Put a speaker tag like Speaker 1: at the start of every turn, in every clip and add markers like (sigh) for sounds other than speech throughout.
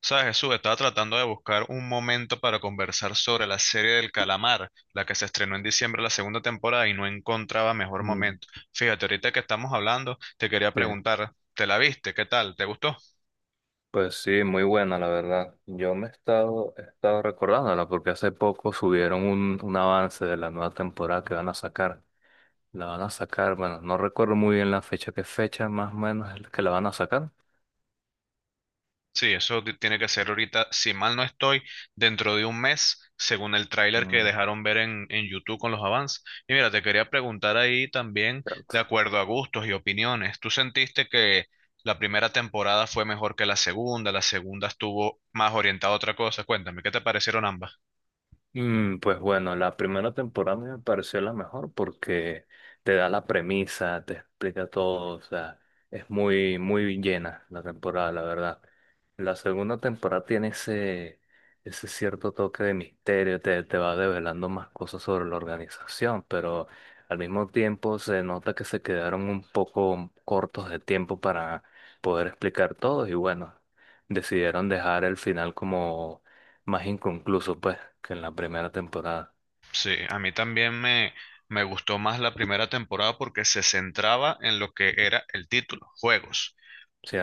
Speaker 1: Sabes, Jesús, estaba tratando de buscar un momento para conversar sobre la serie del calamar, la que se estrenó en diciembre la segunda temporada y no encontraba mejor
Speaker 2: Mm,
Speaker 1: momento. Fíjate, ahorita que estamos hablando, te quería
Speaker 2: sí,
Speaker 1: preguntar, ¿te la viste? ¿Qué tal? ¿Te gustó?
Speaker 2: pues sí, muy buena la verdad. Yo me he estado recordándola porque hace poco subieron un avance de la nueva temporada que van a sacar. La van a sacar, bueno, no recuerdo muy bien la fecha, qué fecha más o menos es que la van a sacar.
Speaker 1: Sí, eso tiene que ser ahorita, si mal no estoy, dentro de un mes, según el tráiler que
Speaker 2: Mm,
Speaker 1: dejaron ver en YouTube con los avances. Y mira, te quería preguntar ahí también, de acuerdo a gustos y opiniones, ¿tú sentiste que la primera temporada fue mejor que la segunda? La segunda estuvo más orientada a otra cosa. Cuéntame, ¿qué te parecieron ambas?
Speaker 2: Pues bueno, la primera temporada me pareció la mejor porque te da la premisa, te explica todo, o sea, es muy, muy llena la temporada, la verdad. La segunda temporada tiene ese cierto toque de misterio, te va develando más cosas sobre la organización, pero al mismo tiempo se nota que se quedaron un poco cortos de tiempo para poder explicar todo y bueno, decidieron dejar el final como más inconcluso, pues, que en la primera temporada,
Speaker 1: Sí, a mí me gustó más la primera temporada porque se centraba en lo que era el título, juegos.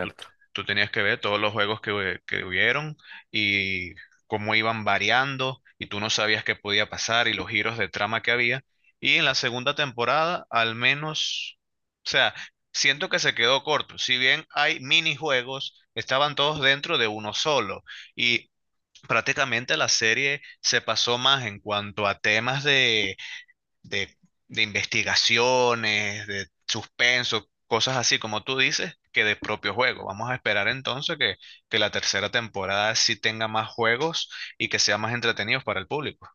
Speaker 1: tú, tú tenías que ver todos los juegos que hubieron y cómo iban variando y tú no sabías qué podía pasar y los giros de trama que había. Y en la segunda temporada, al menos, o sea, siento que se quedó corto. Si bien hay minijuegos, estaban todos dentro de uno solo. Y prácticamente la serie se pasó más en cuanto a temas de, de investigaciones, de suspenso, cosas así como tú dices, que de propio juego. Vamos a esperar entonces que la tercera temporada sí tenga más juegos y que sea más entretenidos para el público.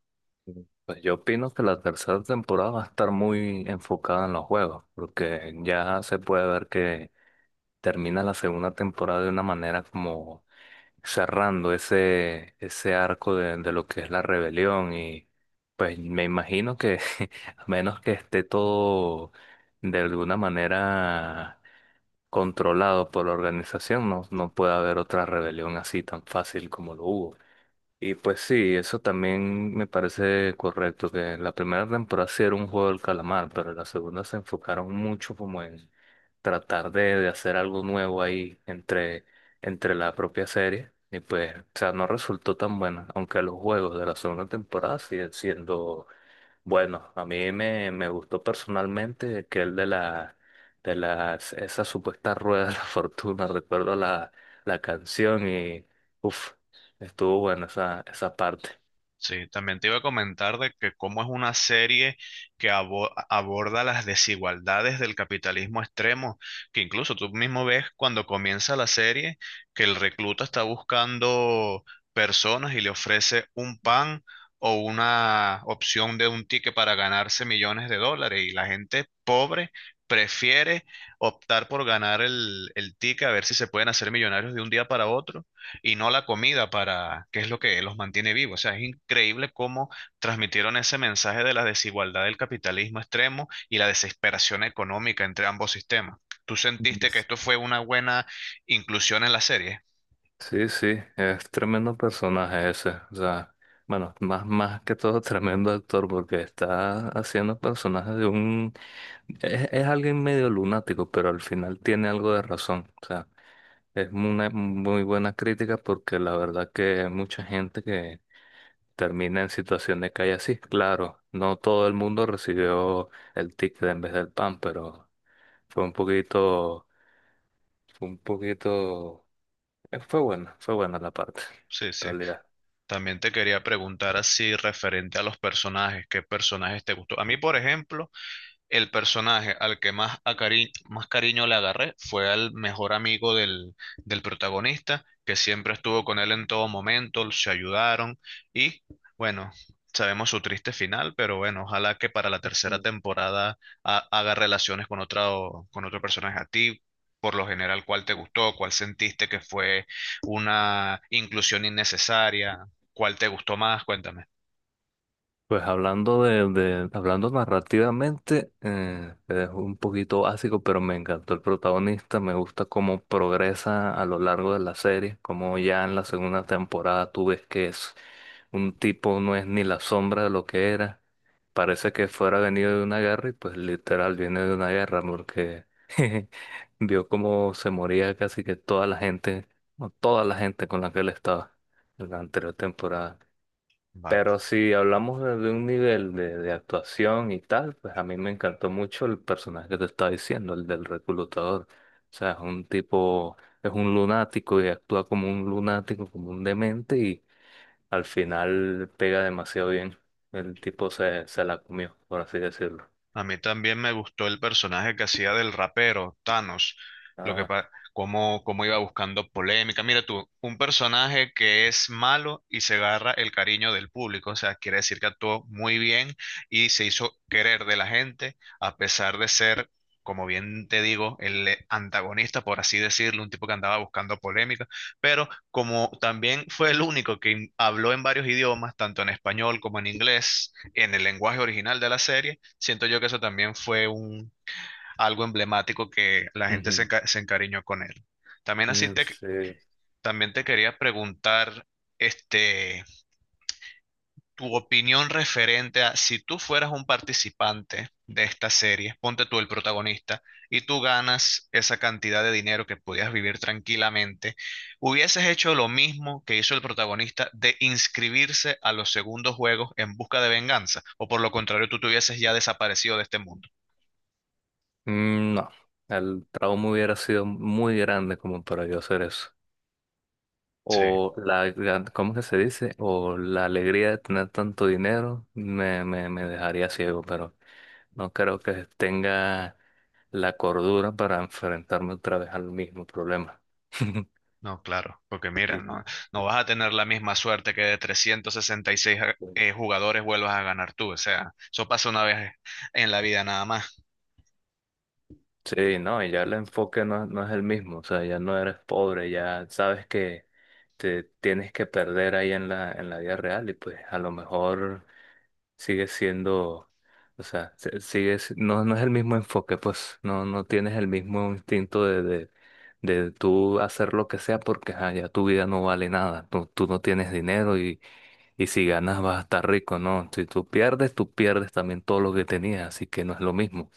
Speaker 2: Mm. Pues yo opino que la tercera temporada va a estar muy enfocada en los juegos, porque ya se puede ver que termina la segunda temporada de una manera como cerrando ese arco de lo que es la rebelión y pues me imagino que (laughs) a menos que esté todo de alguna manera controlado por la organización, no, no puede haber otra rebelión así tan fácil como lo hubo. Y pues sí, eso también me parece correcto, que la primera temporada sí era un juego del calamar, pero la segunda se enfocaron mucho como en tratar de hacer algo nuevo ahí entre, entre la propia serie. Y pues, o sea, no resultó tan buena, aunque los juegos de la segunda temporada siguen siendo bueno, a mí me gustó personalmente que el de la de las esa supuesta rueda de la (laughs) fortuna, recuerdo la canción y uff, estuvo buena esa parte.
Speaker 1: Sí, también te iba a comentar de que cómo es una serie que aborda las desigualdades del capitalismo extremo, que incluso tú mismo ves cuando comienza la serie que el recluta está buscando personas y le ofrece un pan o una opción de un ticket para ganarse millones de dólares y la gente pobre prefiere optar por ganar el ticket a ver si se pueden hacer millonarios de un día para otro y no la comida para qué es lo que los mantiene vivos. O sea, es increíble cómo transmitieron ese mensaje de la desigualdad del capitalismo extremo y la desesperación económica entre ambos sistemas. ¿Tú sentiste que
Speaker 2: Yes.
Speaker 1: esto fue una buena inclusión en la serie?
Speaker 2: Sí, sí, es tremendo personaje ese. O sea, bueno, más, más que todo (laughs) tremendo actor porque está haciendo personajes de un... Es alguien medio lunático, pero al final tiene algo de razón. O sea, es una muy buena crítica porque la verdad que hay mucha gente que termina en situación de calle así. Claro, no todo el mundo recibió el ticket en vez del pan, pero fue un poquito, fue un poquito, fue bueno, fue buena la parte,
Speaker 1: Sí,
Speaker 2: en
Speaker 1: sí.
Speaker 2: realidad.
Speaker 1: También te quería preguntar así referente a los personajes, ¿qué personajes te gustó? A mí, por ejemplo, el personaje al que más, más cariño le agarré fue al mejor amigo del protagonista, que siempre estuvo con él en todo momento, se ayudaron y bueno, sabemos su triste final, pero bueno, ojalá que para la tercera temporada haga relaciones con otra, o- con otro personaje a ti. Por lo general, ¿cuál te gustó? ¿Cuál sentiste que fue una inclusión innecesaria? ¿Cuál te gustó más? Cuéntame.
Speaker 2: Pues hablando de- hablando narrativamente, es un poquito básico, pero me encantó el protagonista, me gusta cómo progresa a lo largo de la serie, como ya en la segunda temporada tú ves que es un tipo, no es ni la sombra de lo que era, parece que fuera venido de una guerra y pues literal viene de una guerra porque (laughs) vio cómo se moría casi que toda la gente, o toda la gente con la que él estaba en la anterior temporada.
Speaker 1: Vale.
Speaker 2: Pero si hablamos de un nivel de actuación y tal, pues a mí me encantó mucho el personaje que te estaba diciendo, el del reclutador. O sea, es un tipo, es un lunático y actúa como un lunático, como un demente y al final pega demasiado bien. El tipo se, se la comió, por así decirlo.
Speaker 1: A mí también me gustó el personaje que hacía del rapero, Thanos, lo que
Speaker 2: Ah,
Speaker 1: cómo, cómo iba buscando polémica. Mira tú, un personaje que es malo y se agarra el cariño del público, o sea, quiere decir que actuó muy bien y se hizo querer de la gente, a pesar de ser, como bien te digo, el antagonista, por así decirlo, un tipo que andaba buscando polémica, pero como también fue el único que habló en varios idiomas, tanto en español como en inglés, en el lenguaje original de la serie siento yo que eso también fue algo emblemático que la gente
Speaker 2: ujú.
Speaker 1: se encariñó con él. También así
Speaker 2: Mm,
Speaker 1: te,
Speaker 2: sí.
Speaker 1: también te quería preguntar, este, tu opinión referente a si tú fueras un participante de esta serie, ponte tú el protagonista, y tú ganas esa cantidad de dinero que podías vivir tranquilamente, ¿hubieses hecho lo mismo que hizo el protagonista de inscribirse a los segundos juegos en busca de venganza? ¿O por lo contrario, tú te hubieses ya desaparecido de este mundo?
Speaker 2: Mm, no, el trauma hubiera sido muy grande como para yo hacer eso.
Speaker 1: Sí.
Speaker 2: O la, gran- ¿cómo que se dice? O la alegría de tener tanto dinero me dejaría ciego, pero no creo que tenga la cordura para enfrentarme otra vez al mismo problema. (laughs)
Speaker 1: No, claro, porque mira,
Speaker 2: Y-
Speaker 1: no, no vas a tener la misma suerte que de 366 jugadores vuelvas a ganar tú. O sea, eso pasa una vez en la vida nada más.
Speaker 2: sí, no, y ya el enfoque no, no es el mismo, o sea, ya no eres pobre, ya sabes que te tienes que perder ahí en la vida real y pues a lo mejor sigue siendo, o sea, se- sigue, si- no, no es el mismo enfoque, pues no, no tienes el mismo instinto de tú hacer lo que sea porque ajá, ya tu vida no vale nada, tú no tienes dinero y si ganas vas a estar rico, ¿no? Si tú pierdes, tú pierdes también todo lo que tenías, así que no es lo mismo.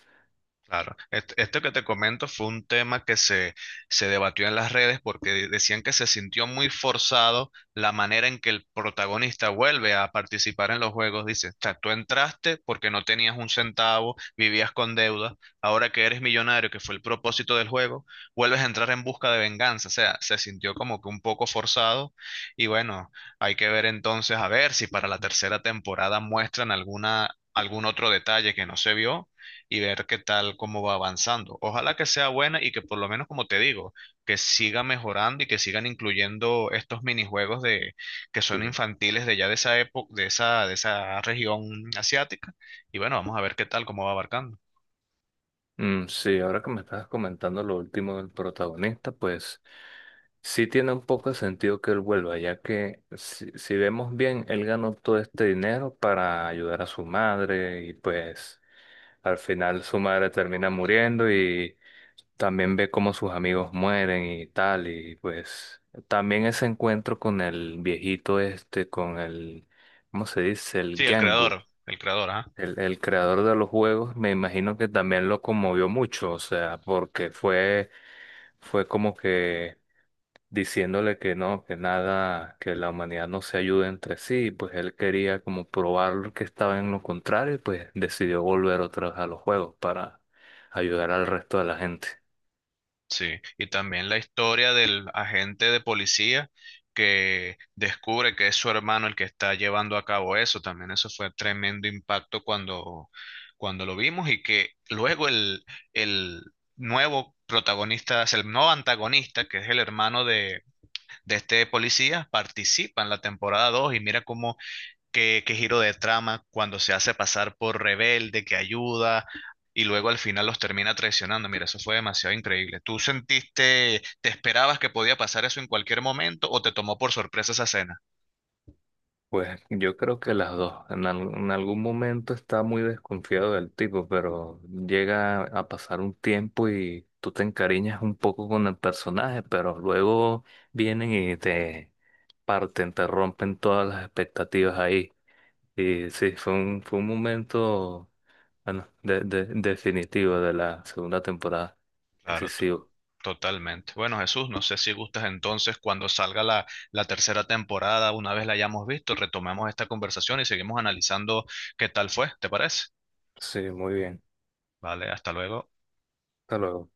Speaker 1: Claro, esto que te comento fue un tema que se debatió en las redes porque decían que se sintió muy forzado la manera en que el protagonista vuelve a participar en los juegos. Dice, o sea, tú entraste porque no tenías un centavo, vivías con deuda, ahora que eres millonario, que fue el propósito del juego, vuelves a entrar en busca de venganza. O sea, se sintió como que un poco forzado y bueno, hay que ver entonces a ver si para la tercera temporada muestran alguna, algún otro detalle que no se vio y ver qué tal, cómo va avanzando. Ojalá que sea buena y que por lo menos, como te digo, que siga mejorando y que sigan incluyendo estos minijuegos de, que son
Speaker 2: Sí.
Speaker 1: infantiles de ya de esa época, de esa región asiática. Y bueno, vamos a ver qué tal, cómo va abarcando.
Speaker 2: Mm, sí, ahora que me estás comentando lo último del protagonista, pues sí tiene un poco de sentido que él vuelva, ya que si, si vemos bien, él ganó todo este dinero para ayudar a su madre y pues al final su madre termina muriendo y también ve cómo sus amigos mueren y tal, y pues también ese encuentro con el viejito este, con el, ¿cómo se dice?
Speaker 1: Sí,
Speaker 2: El Gangu.
Speaker 1: el creador, ajá.
Speaker 2: El creador de los juegos me imagino que también lo conmovió mucho, o sea, porque fue, fue como que diciéndole que no, que nada, que la humanidad no se ayude entre sí, pues él quería como probar que estaba en lo contrario y pues decidió volver otra vez a los juegos para ayudar al resto de la gente.
Speaker 1: Sí, y también la historia del agente de policía que descubre que es su hermano el que está llevando a cabo eso, también eso fue tremendo impacto cuando lo vimos y que luego el nuevo protagonista, es el nuevo antagonista, que es el hermano de este policía, participa en la temporada 2 y mira cómo qué giro de trama cuando se hace pasar por rebelde, que ayuda y luego al final los termina traicionando. Mira, eso fue demasiado increíble. ¿Tú sentiste, te esperabas que podía pasar eso en cualquier momento o te tomó por sorpresa esa escena?
Speaker 2: Pues yo creo que las dos. En, al- en algún momento está muy desconfiado del tipo, pero llega a pasar un tiempo y tú te encariñas un poco con el personaje, pero luego vienen y te parten, te rompen todas las expectativas ahí. Y sí, fue un momento, bueno, de- definitivo de la segunda temporada.
Speaker 1: Claro,
Speaker 2: Decisivo.
Speaker 1: totalmente. Bueno, Jesús, no sé si gustas entonces cuando salga la tercera temporada, una vez la hayamos visto, retomemos esta conversación y seguimos analizando qué tal fue, ¿te parece?
Speaker 2: Sí, muy bien.
Speaker 1: Vale, hasta luego.
Speaker 2: Hasta luego.